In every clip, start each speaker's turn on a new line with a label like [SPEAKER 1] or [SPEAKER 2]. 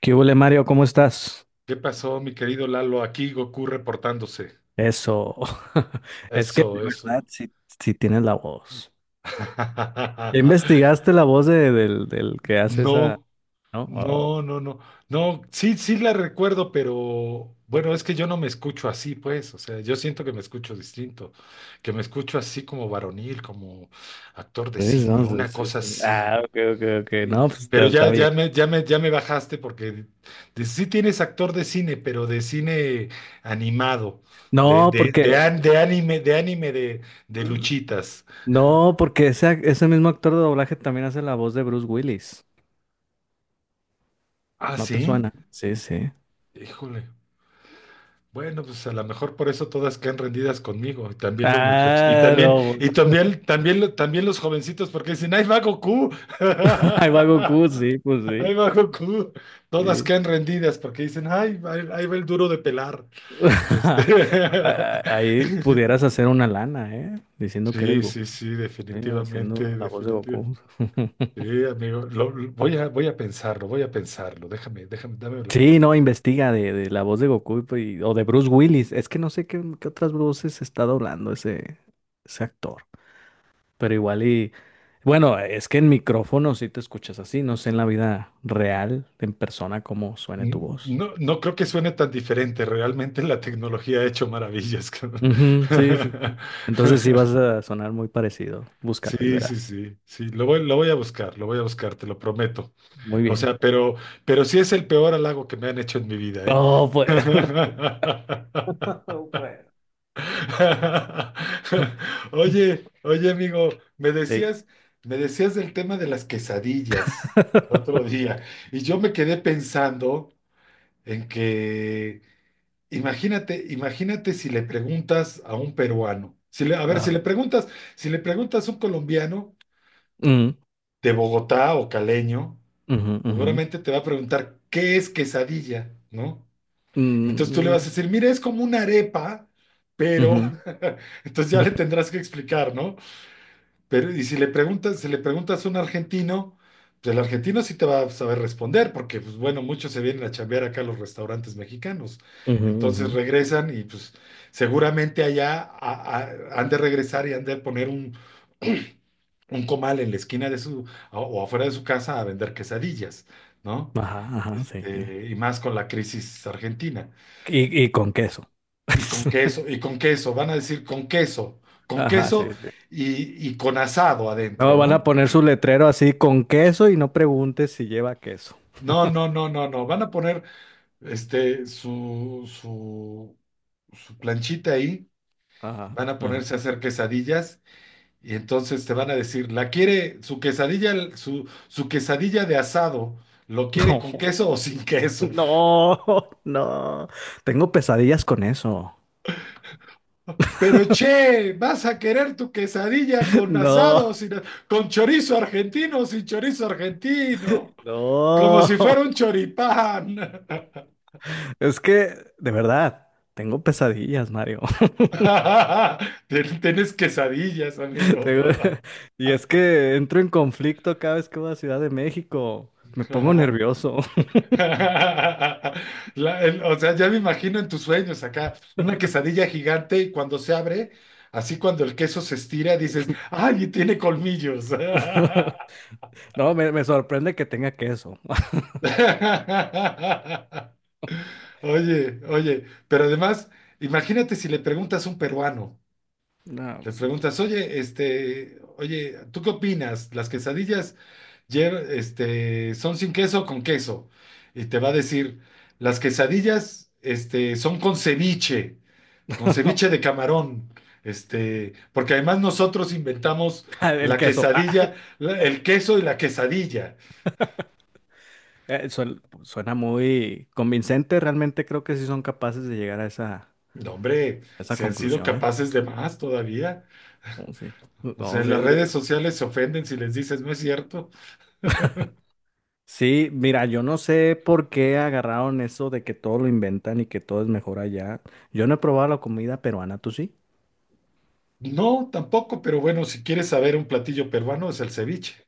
[SPEAKER 1] ¿Qué hubo, Mario? ¿Cómo estás?
[SPEAKER 2] ¿Qué pasó, mi querido Lalo? Aquí Goku reportándose.
[SPEAKER 1] Eso. Es que de
[SPEAKER 2] Eso,
[SPEAKER 1] verdad
[SPEAKER 2] eso.
[SPEAKER 1] sí, sí tienes la voz. ¿Ya investigaste la voz del que hace esa?
[SPEAKER 2] No,
[SPEAKER 1] ¿No? Oh,
[SPEAKER 2] no, no, no. No, sí, sí la recuerdo, pero bueno, es que yo no me escucho así, pues. O sea, yo siento que me escucho distinto, que me escucho así como varonil, como actor de
[SPEAKER 1] sí, no,
[SPEAKER 2] cine,
[SPEAKER 1] sí,
[SPEAKER 2] una
[SPEAKER 1] sí,
[SPEAKER 2] cosa
[SPEAKER 1] sí.
[SPEAKER 2] así.
[SPEAKER 1] Ah, ok, ok, ok.
[SPEAKER 2] Sí,
[SPEAKER 1] No, pues
[SPEAKER 2] pero
[SPEAKER 1] está
[SPEAKER 2] ya,
[SPEAKER 1] bien.
[SPEAKER 2] ya me, ya me, ya me bajaste porque sí tienes actor de cine, pero de cine animado, de,
[SPEAKER 1] No,
[SPEAKER 2] de, de,
[SPEAKER 1] porque,
[SPEAKER 2] an- de anime, de anime de luchitas.
[SPEAKER 1] no, porque ese mismo actor de doblaje también hace la voz de Bruce Willis.
[SPEAKER 2] Ah,
[SPEAKER 1] ¿No te
[SPEAKER 2] sí,
[SPEAKER 1] suena? Sí, sí.
[SPEAKER 2] híjole. Bueno, pues a lo mejor por eso todas quedan rendidas conmigo, y también los muchachos, y
[SPEAKER 1] Ah,
[SPEAKER 2] también,
[SPEAKER 1] no.
[SPEAKER 2] y también, también, lo- también los jovencitos, porque dicen, ¡ay, va Goku!
[SPEAKER 1] Ahí va Goku, sí, pues
[SPEAKER 2] ¡Ay,
[SPEAKER 1] sí.
[SPEAKER 2] va Goku! Todas
[SPEAKER 1] Sí.
[SPEAKER 2] quedan rendidas porque dicen, ¡ay, ahí va el duro de pelar! Este.
[SPEAKER 1] Ah, ahí pudieras hacer una lana, ¿eh? Diciendo que eres
[SPEAKER 2] Sí,
[SPEAKER 1] Goku.
[SPEAKER 2] sí, sí,
[SPEAKER 1] Mira,
[SPEAKER 2] definitivamente,
[SPEAKER 1] haciendo la voz de
[SPEAKER 2] definitivamente.
[SPEAKER 1] Goku.
[SPEAKER 2] Sí, amigo, voy a pensarlo, voy a pensarlo. Déjame, déjame, dame la
[SPEAKER 1] Sí,
[SPEAKER 2] oportunidad.
[SPEAKER 1] no, investiga de la voz de Goku y pues, o de Bruce Willis. Es que no sé qué otras voces está doblando ese actor. Pero igual y. Bueno, es que en micrófono sí te escuchas así. No sé en la vida real, en persona, cómo suene tu voz.
[SPEAKER 2] No, no creo que suene tan diferente. Realmente la tecnología ha hecho maravillas, cabrón.
[SPEAKER 1] Ujú, sí, sí, sí. Entonces sí vas a sonar muy parecido. Búscalo y
[SPEAKER 2] Sí, sí,
[SPEAKER 1] verás.
[SPEAKER 2] sí, sí. Lo voy a buscar, lo voy a buscar, te lo prometo.
[SPEAKER 1] Muy
[SPEAKER 2] O
[SPEAKER 1] bien.
[SPEAKER 2] sea, pero sí es el peor halago que me han hecho en mi vida, ¿eh?
[SPEAKER 1] Oh, pues. No, pues.
[SPEAKER 2] Oye, oye, amigo, me
[SPEAKER 1] Sí.
[SPEAKER 2] decías, me decías del tema de las quesadillas el otro día, y yo me quedé pensando en que, imagínate, imagínate si le preguntas a un peruano, a ver, si
[SPEAKER 1] Ah.
[SPEAKER 2] le preguntas, si le preguntas a un colombiano
[SPEAKER 1] Mm,
[SPEAKER 2] de Bogotá o caleño,
[SPEAKER 1] ujú, ujú.
[SPEAKER 2] seguramente te va a preguntar qué es quesadilla, ¿no? Entonces tú le vas
[SPEAKER 1] Mm,
[SPEAKER 2] a decir, mira, es como una arepa,
[SPEAKER 1] ujú,
[SPEAKER 2] pero entonces ya
[SPEAKER 1] Mm.
[SPEAKER 2] le tendrás que explicar, ¿no? Pero, y si le preguntas, si le preguntas a un argentino, pues el argentino sí te va a saber responder, porque, pues bueno, muchos se vienen a chambear acá a los restaurantes mexicanos.
[SPEAKER 1] Ujú, ujú.
[SPEAKER 2] Entonces regresan y, pues, seguramente allá han de regresar y han de poner un, un comal en la esquina de su, o afuera de su casa a vender quesadillas, ¿no?
[SPEAKER 1] Ajá, ajá, sí, sí.
[SPEAKER 2] Y más con la crisis argentina.
[SPEAKER 1] Y con queso.
[SPEAKER 2] Y con queso, van a decir con
[SPEAKER 1] Ajá, sí,
[SPEAKER 2] queso
[SPEAKER 1] sí.
[SPEAKER 2] y con asado
[SPEAKER 1] No,
[SPEAKER 2] adentro,
[SPEAKER 1] van a
[SPEAKER 2] ¿no?
[SPEAKER 1] poner su letrero así con queso y no preguntes si lleva queso.
[SPEAKER 2] No, no, no, no, no. Van a poner este su, su, su planchita ahí,
[SPEAKER 1] Ajá,
[SPEAKER 2] van a
[SPEAKER 1] ajá.
[SPEAKER 2] ponerse a hacer quesadillas y entonces te van a decir, ¿la quiere su quesadilla, su quesadilla de asado? ¿Lo quiere con queso o sin queso?
[SPEAKER 1] No, no, no. Tengo pesadillas con eso.
[SPEAKER 2] Pero che, ¿vas a querer tu quesadilla con asado o
[SPEAKER 1] No,
[SPEAKER 2] sin, a- con chorizo argentino o sin chorizo argentino? Como si fuera
[SPEAKER 1] no.
[SPEAKER 2] un choripán.
[SPEAKER 1] Es que, de verdad, tengo pesadillas, Mario.
[SPEAKER 2] Tenés quesadillas, amigo.
[SPEAKER 1] Tengo- Y es que entro en conflicto cada vez que voy a Ciudad de México. Me pongo
[SPEAKER 2] Ajá.
[SPEAKER 1] nervioso.
[SPEAKER 2] O sea, ya me imagino en tus sueños acá, una quesadilla gigante y cuando se abre, así cuando el queso se estira, dices, ¡ay, y tiene colmillos!
[SPEAKER 1] No, me sorprende que tenga queso.
[SPEAKER 2] Oye, oye, pero además, imagínate si le preguntas a un peruano,
[SPEAKER 1] No,
[SPEAKER 2] le
[SPEAKER 1] pues,
[SPEAKER 2] preguntas, oye, ¿tú qué opinas? ¿Las quesadillas? Son sin queso o con queso. Y te va a decir, las quesadillas, son con
[SPEAKER 1] no,
[SPEAKER 2] ceviche de camarón. Porque además nosotros inventamos
[SPEAKER 1] el
[SPEAKER 2] la
[SPEAKER 1] queso.
[SPEAKER 2] quesadilla, el queso y la quesadilla.
[SPEAKER 1] Suena muy convincente. Realmente creo que sí son capaces de llegar a esa, a
[SPEAKER 2] No, hombre,
[SPEAKER 1] esa
[SPEAKER 2] se han sido
[SPEAKER 1] conclusión, ¿eh?
[SPEAKER 2] capaces de más todavía.
[SPEAKER 1] Oh, sí.
[SPEAKER 2] O sea,
[SPEAKER 1] No,
[SPEAKER 2] en
[SPEAKER 1] sí,
[SPEAKER 2] las
[SPEAKER 1] sí.
[SPEAKER 2] redes sociales se ofenden si les dices, no es cierto.
[SPEAKER 1] Sí, mira, yo no sé por qué agarraron eso de que todo lo inventan y que todo es mejor allá. Yo no he probado la comida peruana, ¿tú sí?
[SPEAKER 2] No, tampoco, pero bueno, si quieres saber un platillo peruano es el ceviche.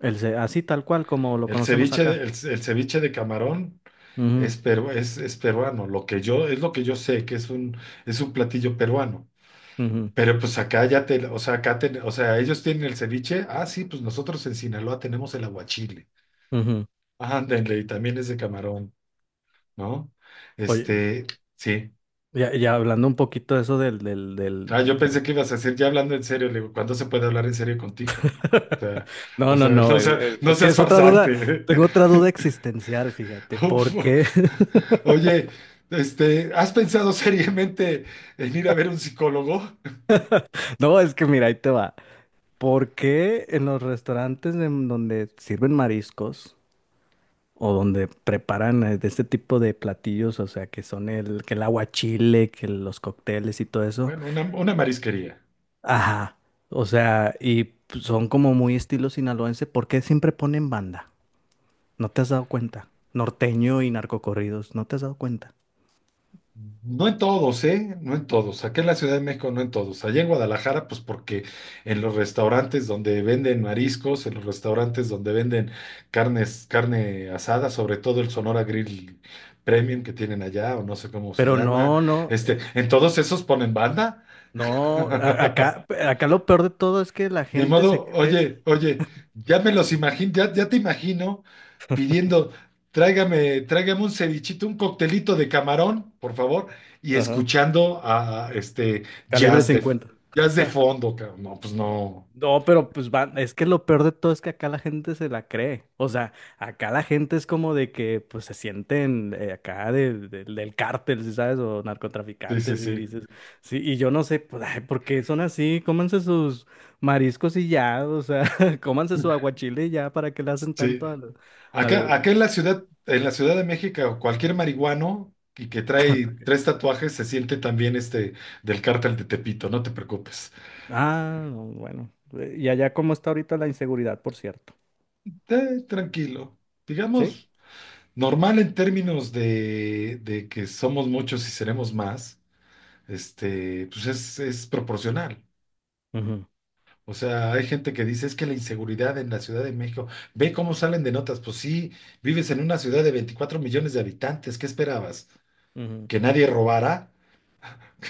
[SPEAKER 1] Así tal cual como lo
[SPEAKER 2] El
[SPEAKER 1] conocemos
[SPEAKER 2] ceviche,
[SPEAKER 1] acá.
[SPEAKER 2] el ceviche de camarón
[SPEAKER 1] Ujú,
[SPEAKER 2] es peruano. Es lo que yo sé, que es un platillo peruano.
[SPEAKER 1] ujú,
[SPEAKER 2] Pero pues acá o sea, acá o sea, ellos tienen el ceviche. Ah, sí, pues nosotros en Sinaloa tenemos el aguachile.
[SPEAKER 1] ujú.
[SPEAKER 2] Ándale, y también es de camarón, ¿no?
[SPEAKER 1] Oye,
[SPEAKER 2] Este, sí.
[SPEAKER 1] ya hablando un poquito de eso del, del, del,
[SPEAKER 2] Ah, yo pensé
[SPEAKER 1] del-
[SPEAKER 2] que ibas a decir, ya hablando en serio, le digo, ¿cuándo se puede hablar en serio contigo? O sea,
[SPEAKER 1] No,
[SPEAKER 2] o
[SPEAKER 1] no,
[SPEAKER 2] sea,
[SPEAKER 1] no, es, es-
[SPEAKER 2] no
[SPEAKER 1] es que
[SPEAKER 2] seas
[SPEAKER 1] es otra duda,
[SPEAKER 2] farsante.
[SPEAKER 1] tengo otra duda existencial, fíjate,
[SPEAKER 2] Uf.
[SPEAKER 1] ¿por qué?
[SPEAKER 2] Oye, ¿has pensado seriamente en ir a ver un psicólogo?
[SPEAKER 1] No, es que mira, ahí te va. ¿Por qué en los restaurantes en donde sirven mariscos o donde preparan de este tipo de platillos, o sea, que son que el aguachile, que los cócteles y todo eso?
[SPEAKER 2] Bueno, una marisquería.
[SPEAKER 1] Ajá, o sea, y son como muy estilo sinaloense, ¿por qué siempre ponen banda? No te has dado cuenta. Norteño y narcocorridos, no te has dado cuenta.
[SPEAKER 2] No en todos, ¿eh? No en todos. Aquí en la Ciudad de México no en todos. Allá en Guadalajara, pues porque en los restaurantes donde venden mariscos, en los restaurantes donde venden carnes, carne asada, sobre todo el Sonora Grill Premium que tienen allá, o no sé cómo se
[SPEAKER 1] Pero
[SPEAKER 2] llama,
[SPEAKER 1] no, no,
[SPEAKER 2] en todos esos ponen banda.
[SPEAKER 1] no. Acá lo peor de todo es que la
[SPEAKER 2] Ni
[SPEAKER 1] gente se
[SPEAKER 2] modo,
[SPEAKER 1] cree.
[SPEAKER 2] oye, oye, ya me los imagino, ya te imagino pidiendo, tráigame, tráigame un cevichito, un coctelito de camarón, por favor, y
[SPEAKER 1] Ajá.
[SPEAKER 2] escuchando a
[SPEAKER 1] Calibre
[SPEAKER 2] jazz
[SPEAKER 1] 50.
[SPEAKER 2] jazz de fondo, cabrón. No, pues no.
[SPEAKER 1] No, pero pues van, es que lo peor de todo es que acá la gente se la cree. O sea, acá la gente es como de que pues se sienten acá del cártel, ¿sí sabes? O
[SPEAKER 2] Sí, sí,
[SPEAKER 1] narcotraficantes y
[SPEAKER 2] sí.
[SPEAKER 1] dices, sí, y yo no sé, pues, ay, ¿por qué son así? Cómanse sus mariscos y ya, o sea, cómanse su aguachile y ya, ¿para qué le hacen
[SPEAKER 2] Sí.
[SPEAKER 1] tanto al,
[SPEAKER 2] Acá
[SPEAKER 1] al...
[SPEAKER 2] en la Ciudad de México, cualquier marihuano y que trae tres tatuajes se siente también del cártel de Tepito, no te preocupes.
[SPEAKER 1] Ah, no, bueno. Y allá cómo está ahorita la inseguridad, por cierto.
[SPEAKER 2] Tranquilo.
[SPEAKER 1] Sí.
[SPEAKER 2] Digamos. Normal en términos de que somos muchos y seremos más, pues es proporcional.
[SPEAKER 1] Ujú,
[SPEAKER 2] O sea, hay gente que dice, es que la inseguridad en la Ciudad de México, ve cómo salen de notas, pues sí, vives en una ciudad de 24 millones de habitantes, ¿qué esperabas?
[SPEAKER 1] ujú.
[SPEAKER 2] ¿Que nadie robara?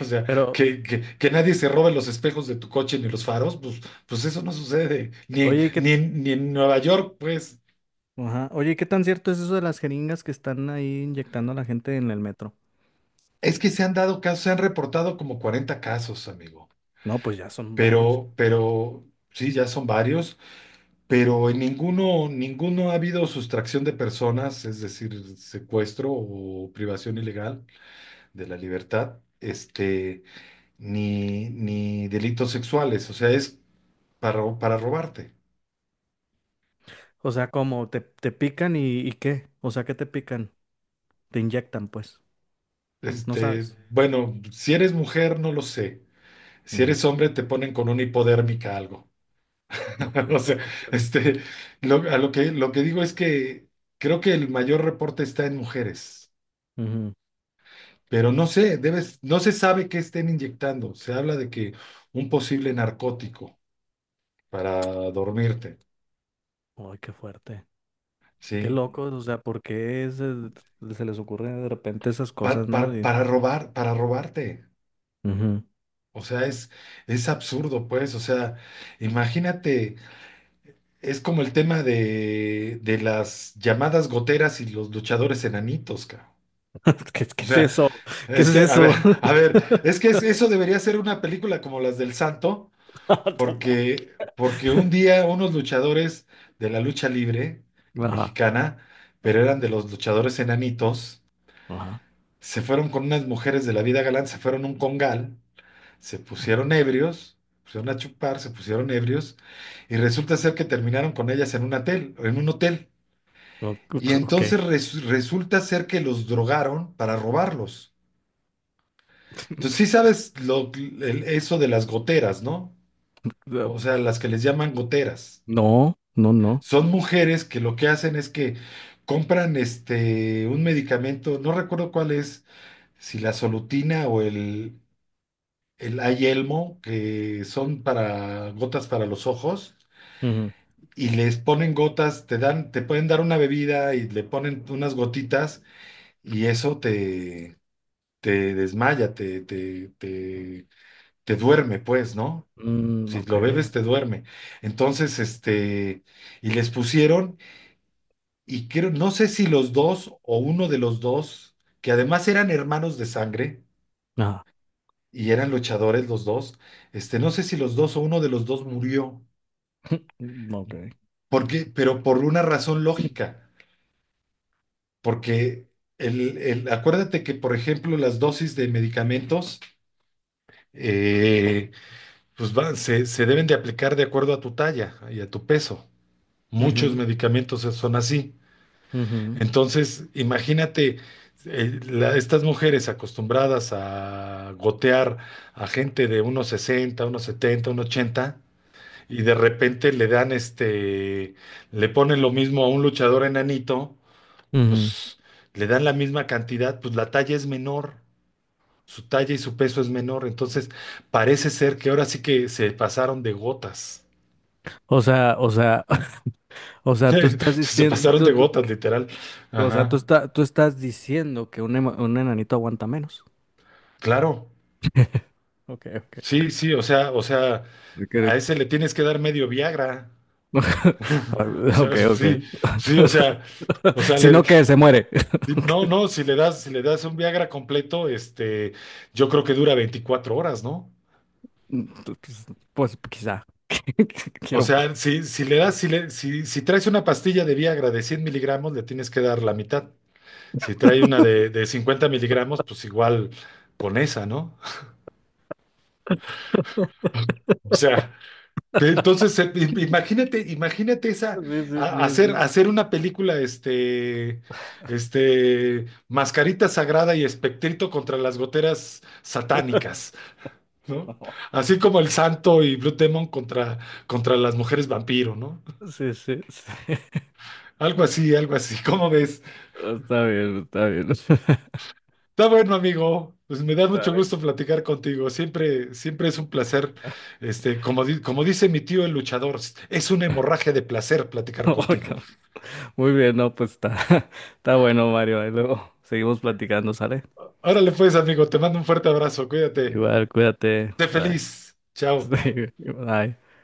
[SPEAKER 2] O sea,
[SPEAKER 1] Pero,
[SPEAKER 2] que nadie se robe los espejos de tu coche ni los faros, pues eso no sucede,
[SPEAKER 1] oye, ¿qué?
[SPEAKER 2] ni en Nueva York, pues.
[SPEAKER 1] Ajá. Oye, ¿y qué tan cierto es eso de las jeringas que están ahí inyectando a la gente en el metro?
[SPEAKER 2] Es que se han dado casos, se han reportado como 40 casos, amigo.
[SPEAKER 1] No, pues ya son varios.
[SPEAKER 2] Pero sí, ya son varios, pero en ninguno, ninguno ha habido sustracción de personas, es decir, secuestro o privación ilegal de la libertad, ni delitos sexuales, o sea, es para robarte.
[SPEAKER 1] O sea, como te pican y ¿qué? O sea, ¿qué te pican? Te inyectan, pues. No sabes.
[SPEAKER 2] Bueno, si eres mujer, no lo sé. Si
[SPEAKER 1] Ujú.
[SPEAKER 2] eres hombre, te ponen con una hipodérmica algo.
[SPEAKER 1] Ok,
[SPEAKER 2] O sea,
[SPEAKER 1] ok.
[SPEAKER 2] este, lo que digo es que creo que el mayor reporte está en mujeres.
[SPEAKER 1] Ujú.
[SPEAKER 2] Pero no sé, no se sabe qué estén inyectando. Se habla de que un posible narcótico para dormirte,
[SPEAKER 1] Ay, qué fuerte. Qué
[SPEAKER 2] ¿sí?
[SPEAKER 1] loco, o sea, ¿por qué se les ocurre de repente esas cosas, ¿no?
[SPEAKER 2] Para, robar, para robarte.
[SPEAKER 1] Ujú.
[SPEAKER 2] O sea, es absurdo, pues. O sea, imagínate, es como el tema de las llamadas goteras y los luchadores enanitos, cabrón.
[SPEAKER 1] ¿Qué
[SPEAKER 2] O
[SPEAKER 1] es
[SPEAKER 2] sea,
[SPEAKER 1] eso? ¿Qué es
[SPEAKER 2] es que, a ver,
[SPEAKER 1] eso?
[SPEAKER 2] a ver, es que eso debería ser una película como las del Santo.
[SPEAKER 1] Ah, toma.
[SPEAKER 2] Porque un día unos luchadores de la lucha libre
[SPEAKER 1] Ajá.
[SPEAKER 2] mexicana, pero
[SPEAKER 1] Ajá.
[SPEAKER 2] eran de los luchadores enanitos,
[SPEAKER 1] Ajá.
[SPEAKER 2] se fueron con unas mujeres de la vida galante, se fueron a un congal, se pusieron ebrios, pusieron a chupar, se pusieron ebrios, y resulta ser que terminaron con ellas en un hotel, en un hotel.
[SPEAKER 1] O-
[SPEAKER 2] Y
[SPEAKER 1] Ok.
[SPEAKER 2] entonces resulta ser que los drogaron para robarlos. Entonces sí sabes eso de las goteras, ¿no? O sea, las que les llaman goteras.
[SPEAKER 1] No, no, no.
[SPEAKER 2] Son mujeres que lo que hacen es que compran un medicamento, no recuerdo cuál es, si la solutina o el Ayelmo, que son para gotas para los ojos,
[SPEAKER 1] Ujú.
[SPEAKER 2] y les ponen gotas, te pueden dar una bebida y le ponen unas gotitas, y eso te desmaya, te duerme, pues, ¿no?
[SPEAKER 1] Mm,
[SPEAKER 2] Si
[SPEAKER 1] ok.
[SPEAKER 2] lo bebes, te duerme. Entonces, y les pusieron. Y creo, no sé si los dos o uno de los dos, que además eran hermanos de sangre
[SPEAKER 1] Ah,
[SPEAKER 2] y eran luchadores los dos, no sé si los dos o uno de los dos murió,
[SPEAKER 1] mm, ok.
[SPEAKER 2] porque, pero por una razón lógica, porque acuérdate que, por ejemplo, las dosis de medicamentos eh, pues se deben de aplicar de acuerdo a tu talla y a tu peso. Muchos
[SPEAKER 1] Ujú,
[SPEAKER 2] medicamentos son así.
[SPEAKER 1] ujú,
[SPEAKER 2] Entonces, imagínate, estas mujeres acostumbradas a gotear a gente de unos 60, unos 70, unos 80, y de repente le ponen lo mismo a un luchador enanito,
[SPEAKER 1] ujú.
[SPEAKER 2] pues le dan la misma cantidad, pues la talla es menor, su talla y su peso es menor, entonces parece ser que ahora sí que se pasaron de gotas,
[SPEAKER 1] O sea, o sea, tú estás
[SPEAKER 2] se
[SPEAKER 1] diciendo,
[SPEAKER 2] pasaron de gotas, literal.
[SPEAKER 1] o sea, tú,
[SPEAKER 2] Ajá,
[SPEAKER 1] tú estás diciendo que un enanito aguanta menos.
[SPEAKER 2] claro.
[SPEAKER 1] Ok, ok.
[SPEAKER 2] Sí, sí, o sea,
[SPEAKER 1] De que-
[SPEAKER 2] a ese le tienes que dar medio Viagra.
[SPEAKER 1] A
[SPEAKER 2] O
[SPEAKER 1] ver, ok,
[SPEAKER 2] sea,
[SPEAKER 1] ok.
[SPEAKER 2] sí, sí, o sea, le-
[SPEAKER 1] Sino que se muere.
[SPEAKER 2] sí, no,
[SPEAKER 1] Ok.
[SPEAKER 2] no, si le das, si le das un Viagra completo, yo creo que dura 24 horas, ¿no?
[SPEAKER 1] Mm, pues quizá.
[SPEAKER 2] O
[SPEAKER 1] Quiero.
[SPEAKER 2] sea, si, si le das, si le, si, si traes una pastilla de Viagra de 100 miligramos, le tienes que dar la mitad. Si trae una de 50 miligramos, pues igual con esa, ¿no? O sea. Entonces, imagínate, imagínate
[SPEAKER 1] Sí,
[SPEAKER 2] esa,
[SPEAKER 1] sí, sí, sí.
[SPEAKER 2] hacer una película, Mascarita Sagrada y Espectrito contra las goteras satánicas, ¿no?
[SPEAKER 1] No.
[SPEAKER 2] Así como el Santo y Blue Demon contra, contra las mujeres vampiro, ¿no?
[SPEAKER 1] Sí, sí, sí.
[SPEAKER 2] Algo así, ¿cómo ves?
[SPEAKER 1] Está bien, está bien.
[SPEAKER 2] Está bueno, amigo. Pues me da mucho
[SPEAKER 1] Dale.
[SPEAKER 2] gusto platicar contigo. Siempre, siempre es un placer, como dice mi tío el luchador, es una hemorragia de placer platicar contigo.
[SPEAKER 1] Muy bien, no, pues está, está bueno, Mario. Ahí luego seguimos platicando, ¿sale?
[SPEAKER 2] Órale pues, amigo, te mando un fuerte abrazo, cuídate.
[SPEAKER 1] Igual, cuídate.
[SPEAKER 2] Sé
[SPEAKER 1] Bye.
[SPEAKER 2] feliz. Chao.
[SPEAKER 1] Sí, bye.